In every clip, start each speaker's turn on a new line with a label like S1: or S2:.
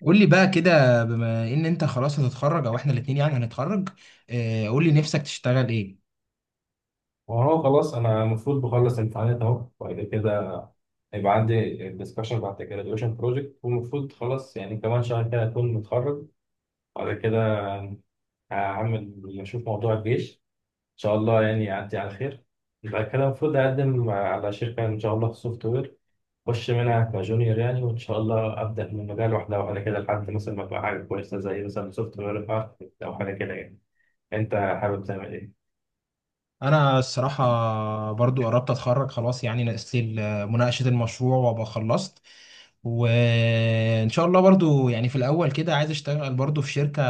S1: قول لي بقى كده بما ان انت خلاص هتتخرج او احنا الاتنين يعني هنتخرج. قول لي نفسك تشتغل ايه.
S2: وهو خلاص انا المفروض بخلص امتحانات اهو وبعد كده هيبقى عندي الدسكشن بعد الجراديويشن بروجكت والمفروض خلاص، يعني كمان شهر كده اكون متخرج وبعد كده هعمل اشوف موضوع الجيش ان شاء الله، يعني يعدي على خير. بعد كده المفروض اقدم على شركه ان شاء الله في السوفت وير، اخش منها كجونيور يعني، وان شاء الله ابدا من مجال واحده واحده كده لحد مثلا ما ابقى حاجه كويسه زي مثلا سوفت وير او حاجه كده يعني. انت حابب تعمل ايه؟
S1: انا الصراحة برضو قربت اتخرج خلاص، يعني ناقص لي مناقشة المشروع وابقى خلصت. وان شاء الله برضو يعني في الاول كده عايز اشتغل برضو في شركة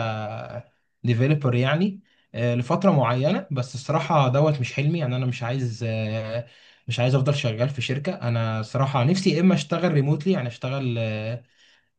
S1: ديفيلوبر يعني, لفترة معينة. بس الصراحة دوت مش حلمي، يعني انا مش عايز, مش عايز افضل شغال في شركة. انا الصراحة نفسي يا اما اشتغل ريموتلي، يعني اشتغل,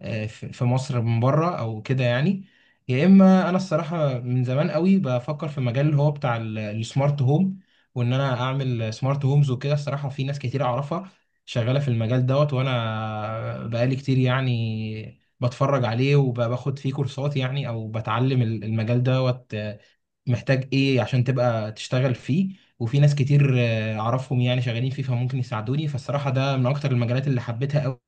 S1: في مصر من بره او كده يعني، يا اما انا الصراحه من زمان قوي بفكر في مجال اللي هو بتاع السمارت هوم. وان انا اعمل سمارت هومز وكده. الصراحه في ناس كتير اعرفها شغاله في المجال دوت، وانا بقالي كتير يعني بتفرج عليه وباخد فيه كورسات، يعني او بتعلم المجال دوت, محتاج ايه عشان تبقى تشتغل فيه. وفي ناس كتير, اعرفهم يعني شغالين فيه، فممكن يساعدوني. فالصراحه ده من اكتر المجالات اللي حبيتها،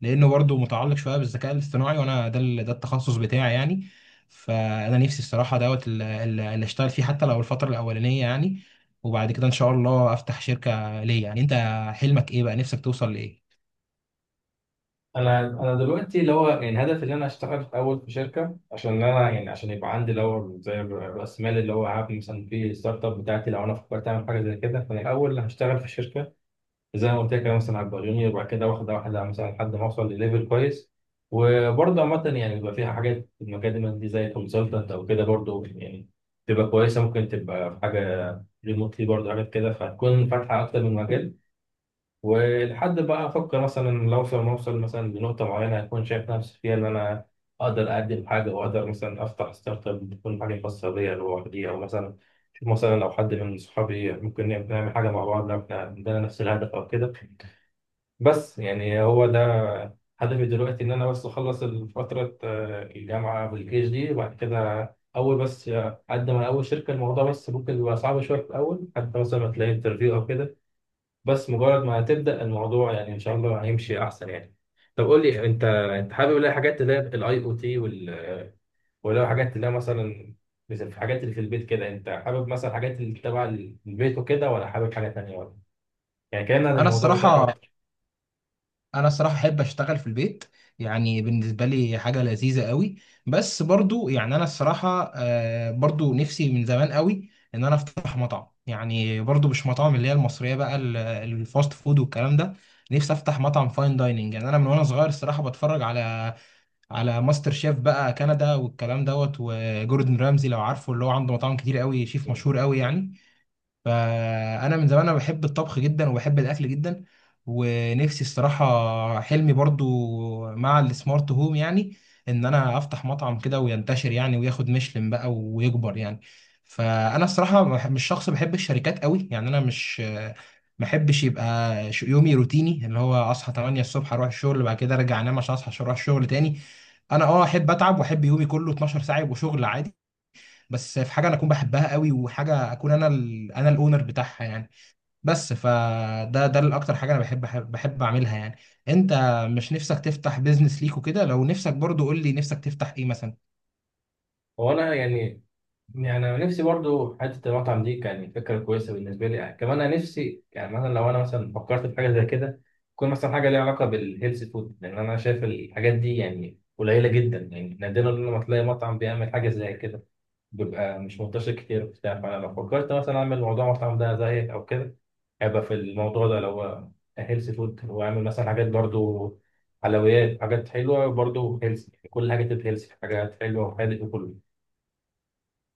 S1: لانه برضو متعلق شويه بالذكاء الاصطناعي، وانا ده التخصص بتاعي يعني. فانا نفسي الصراحه دوت اللي اشتغل فيه حتى لو الفتره الاولانيه يعني، وبعد كده ان شاء الله افتح شركه ليا. يعني انت حلمك ايه بقى؟ نفسك توصل لايه؟
S2: انا دلوقتي اللي هو يعني هدفي ان انا اشتغل في اول في شركه عشان انا يعني، عشان يبقى عندي اللي هو زي راس مال اللي هو هعمل مثلا في ستارت اب بتاعتي. لو انا فكرت اعمل حاجه زي كده فانا الاول هشتغل في شركه زي ما قلت لك، انا مثلا هبقى جونيور وبعد كده واخد واحده مثلا لحد ما اوصل لليفل كويس. وبرضه عامه يعني بيبقى فيها حاجات في المجال دي زي كونسلتنت او كده برضه يعني، تبقى كويسه، ممكن تبقى في حاجه ريموتلي برضه حاجات كده، فهتكون فاتحه اكتر من مجال. ولحد بقى افكر مثلا لو اوصل ما اوصل مثلا لنقطه معينه اكون شايف نفسي فيها ان انا اقدر اقدم حاجه واقدر مثلا افتح ستارت اب تكون حاجه خاصه بيا لوحدي، او مثلا شوف مثلا لو حد من صحابي ممكن نعمل حاجه مع بعض لو احنا عندنا نفس الهدف او كده. بس يعني هو ده هدفي دلوقتي، ان انا بس اخلص فتره الجامعه والجيش دي وبعد كده اول بس اقدم على اول شركه. الموضوع بس ممكن يبقى صعب شويه في الاول، حتى مثلا ما تلاقي انترفيو او كده، بس مجرد ما تبدأ الموضوع يعني ان شاء الله هيمشي احسن يعني. طب قول لي انت، انت حابب الاقي حاجات اللي هي الاي او تي وال، ولا حاجات اللي هي مثلا، مثل في حاجات اللي في البيت كده، انت حابب مثلا حاجات اللي تبع البيت وكده ولا حابب حاجة تانية ولا؟ يعني كلمنا عن
S1: انا
S2: الموضوع بتاعك
S1: الصراحه
S2: اكتر.
S1: انا الصراحه احب اشتغل في البيت، يعني بالنسبه لي حاجه لذيذه قوي. بس برضو يعني انا الصراحه, برضو نفسي من زمان قوي ان انا افتح مطعم. يعني برضو مش مطاعم اللي هي المصريه بقى، الفاست فود والكلام ده. نفسي افتح مطعم فاين دايننج. يعني انا من وانا صغير الصراحه بتفرج على ماستر شيف بقى كندا والكلام دوت، وجوردن رامزي لو عارفه، اللي هو عنده مطاعم كتير قوي، شيف
S2: مم.
S1: مشهور قوي يعني. فانا من زمان انا بحب الطبخ جدا وبحب الاكل جدا. ونفسي الصراحه حلمي برضو مع السمارت هوم، يعني ان انا افتح مطعم كده وينتشر يعني وياخد ميشلان بقى ويكبر يعني. فانا الصراحه مش شخص بحب الشركات قوي. يعني انا مش، ما بحبش يبقى يومي روتيني اللي هو اصحى 8 الصبح اروح الشغل، بعد كده ارجع انام عشان اصحى عشان اروح الشغل تاني. انا اه احب اتعب واحب يومي كله 12 ساعه يبقوا شغل عادي، بس في حاجه انا اكون بحبها قوي وحاجه اكون انا انا الاونر بتاعها يعني. بس فده ده الاكتر حاجه انا بحب اعملها يعني. انت مش نفسك تفتح بيزنس ليك وكده؟ لو نفسك برضو قول لي نفسك تفتح ايه مثلا؟
S2: هو انا يعني، يعني انا نفسي برضو حته المطعم دي كان فكره كويسه بالنسبه لي يعني. كمان انا نفسي يعني مثلا لو انا مثلا فكرت في حاجه زي كده تكون مثلا حاجه ليها علاقه بالهيلث فود، لان انا شايف الحاجات دي يعني قليله جدا، يعني نادرا لما تلاقي مطعم بيعمل حاجه زي كده، بيبقى مش منتشر كتير وبتاع. فانا لو فكرت مثلا اعمل موضوع مطعم ده زي او كده هيبقى في الموضوع ده لو هو هيلث فود، واعمل مثلا حاجات برضو حلويات، حاجات حلوه برضو هيلث، كل حاجه تبقى هيلث، حاجات حلوه وحادق وكله.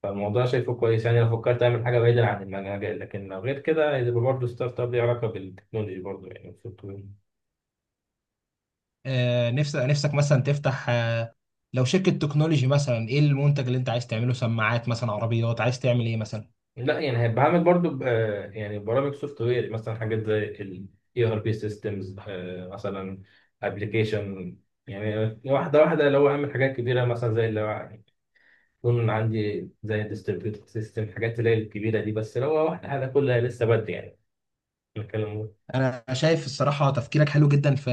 S2: فالموضوع شايفه كويس يعني لو فكرت اعمل حاجه بعيدا عن المجال، لكن لو غير كده هيبقى برضه ستارت اب ليه علاقه بالتكنولوجي برضه يعني السوفت وير.
S1: آه، نفسك مثلا تفتح آه، لو شركه تكنولوجي مثلا، ايه المنتج اللي انت عايز تعمله؟ سماعات مثلا، عربيات، عايز تعمل ايه مثلا؟
S2: لا يعني هيبقى عامل برضه يعني برامج سوفت وير مثلا، حاجات زي ال ERP systems مثلا application، يعني واحده واحده اللي هو اعمل حاجات كبيره مثلا زي اللي هو يكون عندي زي distributed system، حاجات اللي هي الكبيره دي. بس لو هو واحده حاجه كلها لسه بدري يعني نتكلم.
S1: انا شايف الصراحه تفكيرك حلو جدا في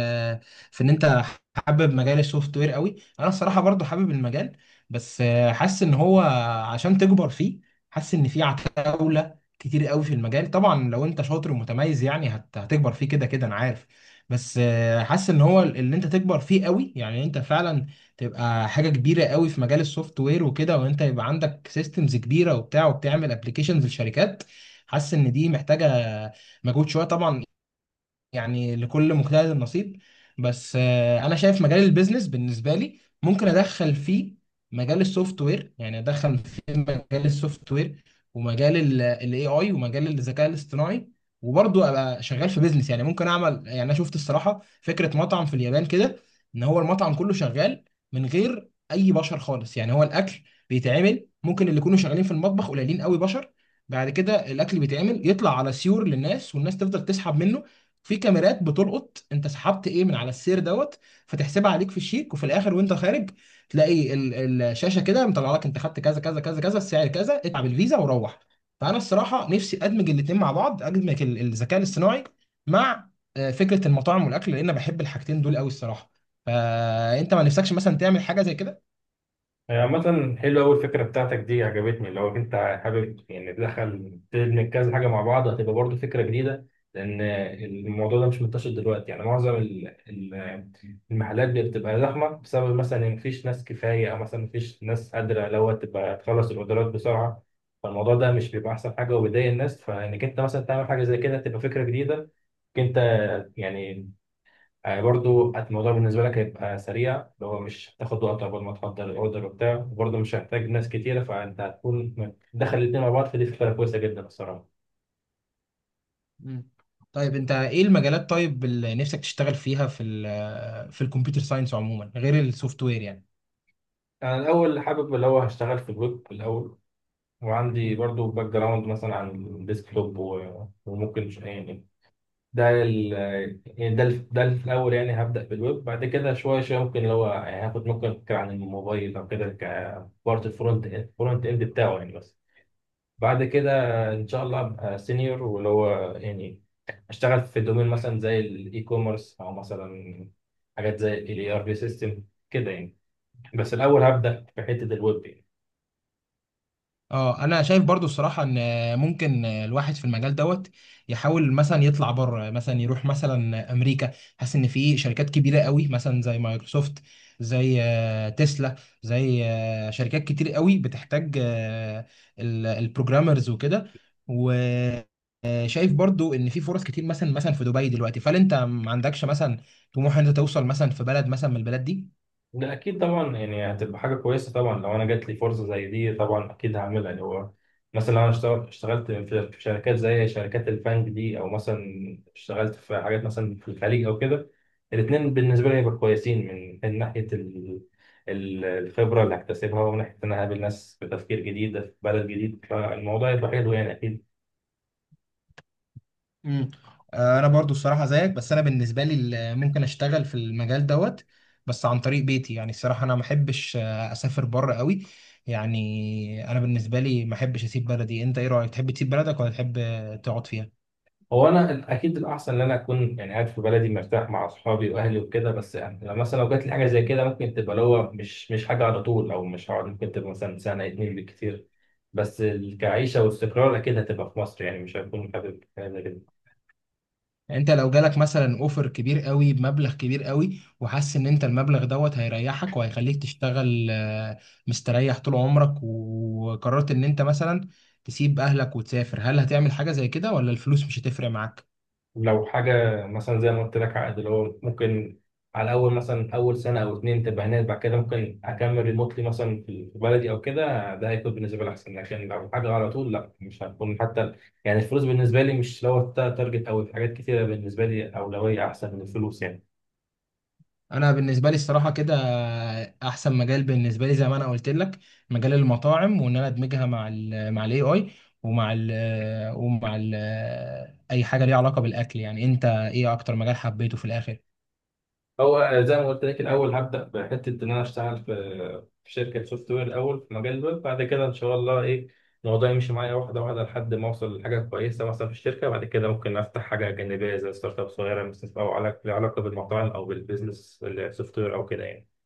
S1: ان انت حابب مجال السوفت وير قوي. انا الصراحه برضو حابب المجال، بس, حاسس ان هو عشان تكبر فيه، حاسس ان في عتاوله كتير قوي في المجال. طبعا لو انت شاطر ومتميز يعني هتكبر فيه كده كده انا عارف. بس, حاسس ان هو اللي انت تكبر فيه قوي يعني انت فعلا تبقى حاجه كبيره قوي في مجال السوفت وير وكده وانت يبقى عندك سيستمز كبيره وبتاع وبتعمل ابلكيشنز لشركات، حاسس ان دي محتاجه مجهود شويه طبعا. يعني لكل مجتهد نصيب. بس, انا شايف مجال البيزنس بالنسبه لي ممكن ادخل فيه مجال السوفت وير، يعني ادخل فيه مجال السوفت وير ومجال الاي اي ومجال الذكاء الاصطناعي، وبرضه ابقى شغال في بيزنس. يعني ممكن اعمل، يعني انا شفت الصراحه فكره مطعم في اليابان كده ان هو المطعم كله شغال من غير اي بشر خالص. يعني هو الاكل بيتعمل، ممكن اللي يكونوا شغالين في المطبخ قليلين قوي بشر، بعد كده الاكل بيتعمل يطلع على سيور للناس والناس تفضل تسحب منه، في كاميرات بتلقط انت سحبت ايه من على السير دوت فتحسبها عليك في الشيك، وفي الاخر وانت خارج تلاقي الشاشه كده مطلع لك انت خدت كذا كذا كذا كذا، السعر كذا، اتعب الفيزا وروح. فانا الصراحه نفسي ادمج الاثنين مع بعض، ادمج ال- الذكاء الاصطناعي مع, فكره المطاعم والاكل، لان أنا بحب الحاجتين دول قوي الصراحه. فانت ما نفسكش مثلا تعمل حاجه زي كده؟
S2: هي عامة حلوة أوي، الفكرة بتاعتك دي عجبتني لو أنت حابب يعني تدخل تدمج كذا حاجة مع بعض، هتبقى برضه فكرة جديدة لأن الموضوع ده مش منتشر دلوقتي. يعني معظم ال- المحلات بتبقى زحمة بسبب مثلا إن مفيش ناس كفاية، أو مثلا مفيش ناس قادرة اللي هو تبقى تخلص الأوردرات بسرعة، فالموضوع ده مش بيبقى أحسن حاجة وبيضايق الناس. فإنك أنت مثلا تعمل حاجة زي كده تبقى فكرة جديدة، إنك أنت يعني، برضو الموضوع بالنسبة لك هيبقى سريع اللي هو مش هتاخد وقت قبل ما تحضر الاوردر وبتاع، وبرضو مش هتحتاج ناس كتيرة، فأنت هتكون دخل الاتنين مع بعض، فدي فكرة كويسة جدا الصراحة.
S1: مم. طيب انت ايه المجالات طيب اللي نفسك تشتغل فيها في ال آه، في الكمبيوتر ساينس عموما غير السوفت وير يعني؟
S2: أنا الأول حابب اللي هو هشتغل في الويب الأول، وعندي برضو باك جراوند مثلا عن الديسكتوب وممكن يعني، ده ال، يعني ده ال في الأول يعني هبدأ بالويب، بعد كده شوية شوية ممكن اللي هو يعني هاخد ممكن فكرة عن الموبايل أو كده كبارت الفرونت إند بتاعه يعني بس. بعد كده ان شاء الله ابقى سينيور واللي هو يعني اشتغل في دومين مثلا زي الاي كوميرس، او مثلا حاجات زي الاي ار بي سيستم كده يعني. بس الاول هبدا في حته الويب يعني.
S1: اه انا شايف برضو الصراحه ان ممكن الواحد في المجال دوت يحاول مثلا يطلع بره، مثلا يروح مثلا امريكا. حاسس ان في شركات كبيره قوي مثلا زي مايكروسوفت، زي, تسلا، زي, شركات كتير قوي بتحتاج, البروجرامرز وكده. وشايف برضو ان في فرص كتير، مثلا في دبي دلوقتي. فهل انت ما عندكش مثلا طموح ان انت توصل مثلا في بلد مثلا من البلاد دي؟
S2: ده اكيد طبعا، يعني هتبقى حاجه كويسه طبعا لو انا جات لي فرصه زي دي طبعا اكيد هعملها. اللي هو مثلا لو انا اشتغلت في شركات زي شركات البنك دي، او مثلا اشتغلت في حاجات مثلا في الخليج او كده، الاثنين بالنسبه لي هيبقوا كويسين من من ناحيه ال، الخبره اللي هكتسبها، ومن ناحيه ان انا هقابل ناس بتفكير جديد في بلد جديد، فالموضوع هيبقى حلو يعني اكيد.
S1: امم، انا برضو الصراحه زيك، بس انا بالنسبه لي ممكن اشتغل في المجال دوت بس عن طريق بيتي. يعني الصراحه انا ما احبش, اسافر بره قوي. يعني انا بالنسبه لي ما احبش اسيب بلدي. انت ايه رايك؟ تحب تسيب بلدك ولا تحب, تقعد فيها؟
S2: هو انا اكيد الاحسن ان انا اكون يعني قاعد في بلدي مرتاح مع اصحابي واهلي وكده، بس يعني لو مثلا لو جات لي حاجه زي كده ممكن تبقى اللي هو مش حاجه على طول، او مش هقعد، ممكن تبقى مثلا سنه اتنين بالكتير، بس كعيشه واستقرار اكيد هتبقى في مصر، يعني مش هكون حابب حاجه زي كده.
S1: يعني انت لو جالك مثلا اوفر كبير قوي بمبلغ كبير قوي، وحاسس ان انت المبلغ دوت هيريحك وهيخليك تشتغل, مستريح طول عمرك، وقررت ان انت مثلا تسيب اهلك وتسافر، هل هتعمل حاجه زي كده؟ ولا الفلوس مش هتفرق معاك؟
S2: لو حاجة مثلا زي ما قلت لك عقد اللي هو ممكن على أول مثلا أول سنة أو اتنين تبقى هناك، بعد كده ممكن أكمل ريموتلي مثلا في بلدي أو كده، ده هيكون بالنسبة لي أحسن، لكن لو حاجة على طول لا مش هتكون حتى يعني. الفلوس بالنسبة لي مش، لو تارجت أو حاجات كتيرة بالنسبة لي أولوية أحسن من الفلوس يعني.
S1: انا بالنسبه لي الصراحه كده احسن مجال بالنسبه لي زي ما انا قلت لك، مجال المطاعم، وان انا ادمجها مع ال مع الاي اي ومع ال اي حاجه ليها علاقه بالاكل. يعني انت ايه اكتر مجال حبيته في الاخر؟
S2: هو زي ما قلت لك الاول هبدا بحته ان انا اشتغل في في شركه سوفت وير الاول في مجال الويب، بعد كده ان شاء الله ايه الموضوع يمشي معايا واحده واحده لحد ما اوصل لحاجه كويسه مثلا في الشركه، بعد كده ممكن افتح حاجه جانبيه زي ستارت اب صغيره مثلا، او علاقه لها علاقه بالمطاعم او بالبيزنس السوفت وير او كده يعني.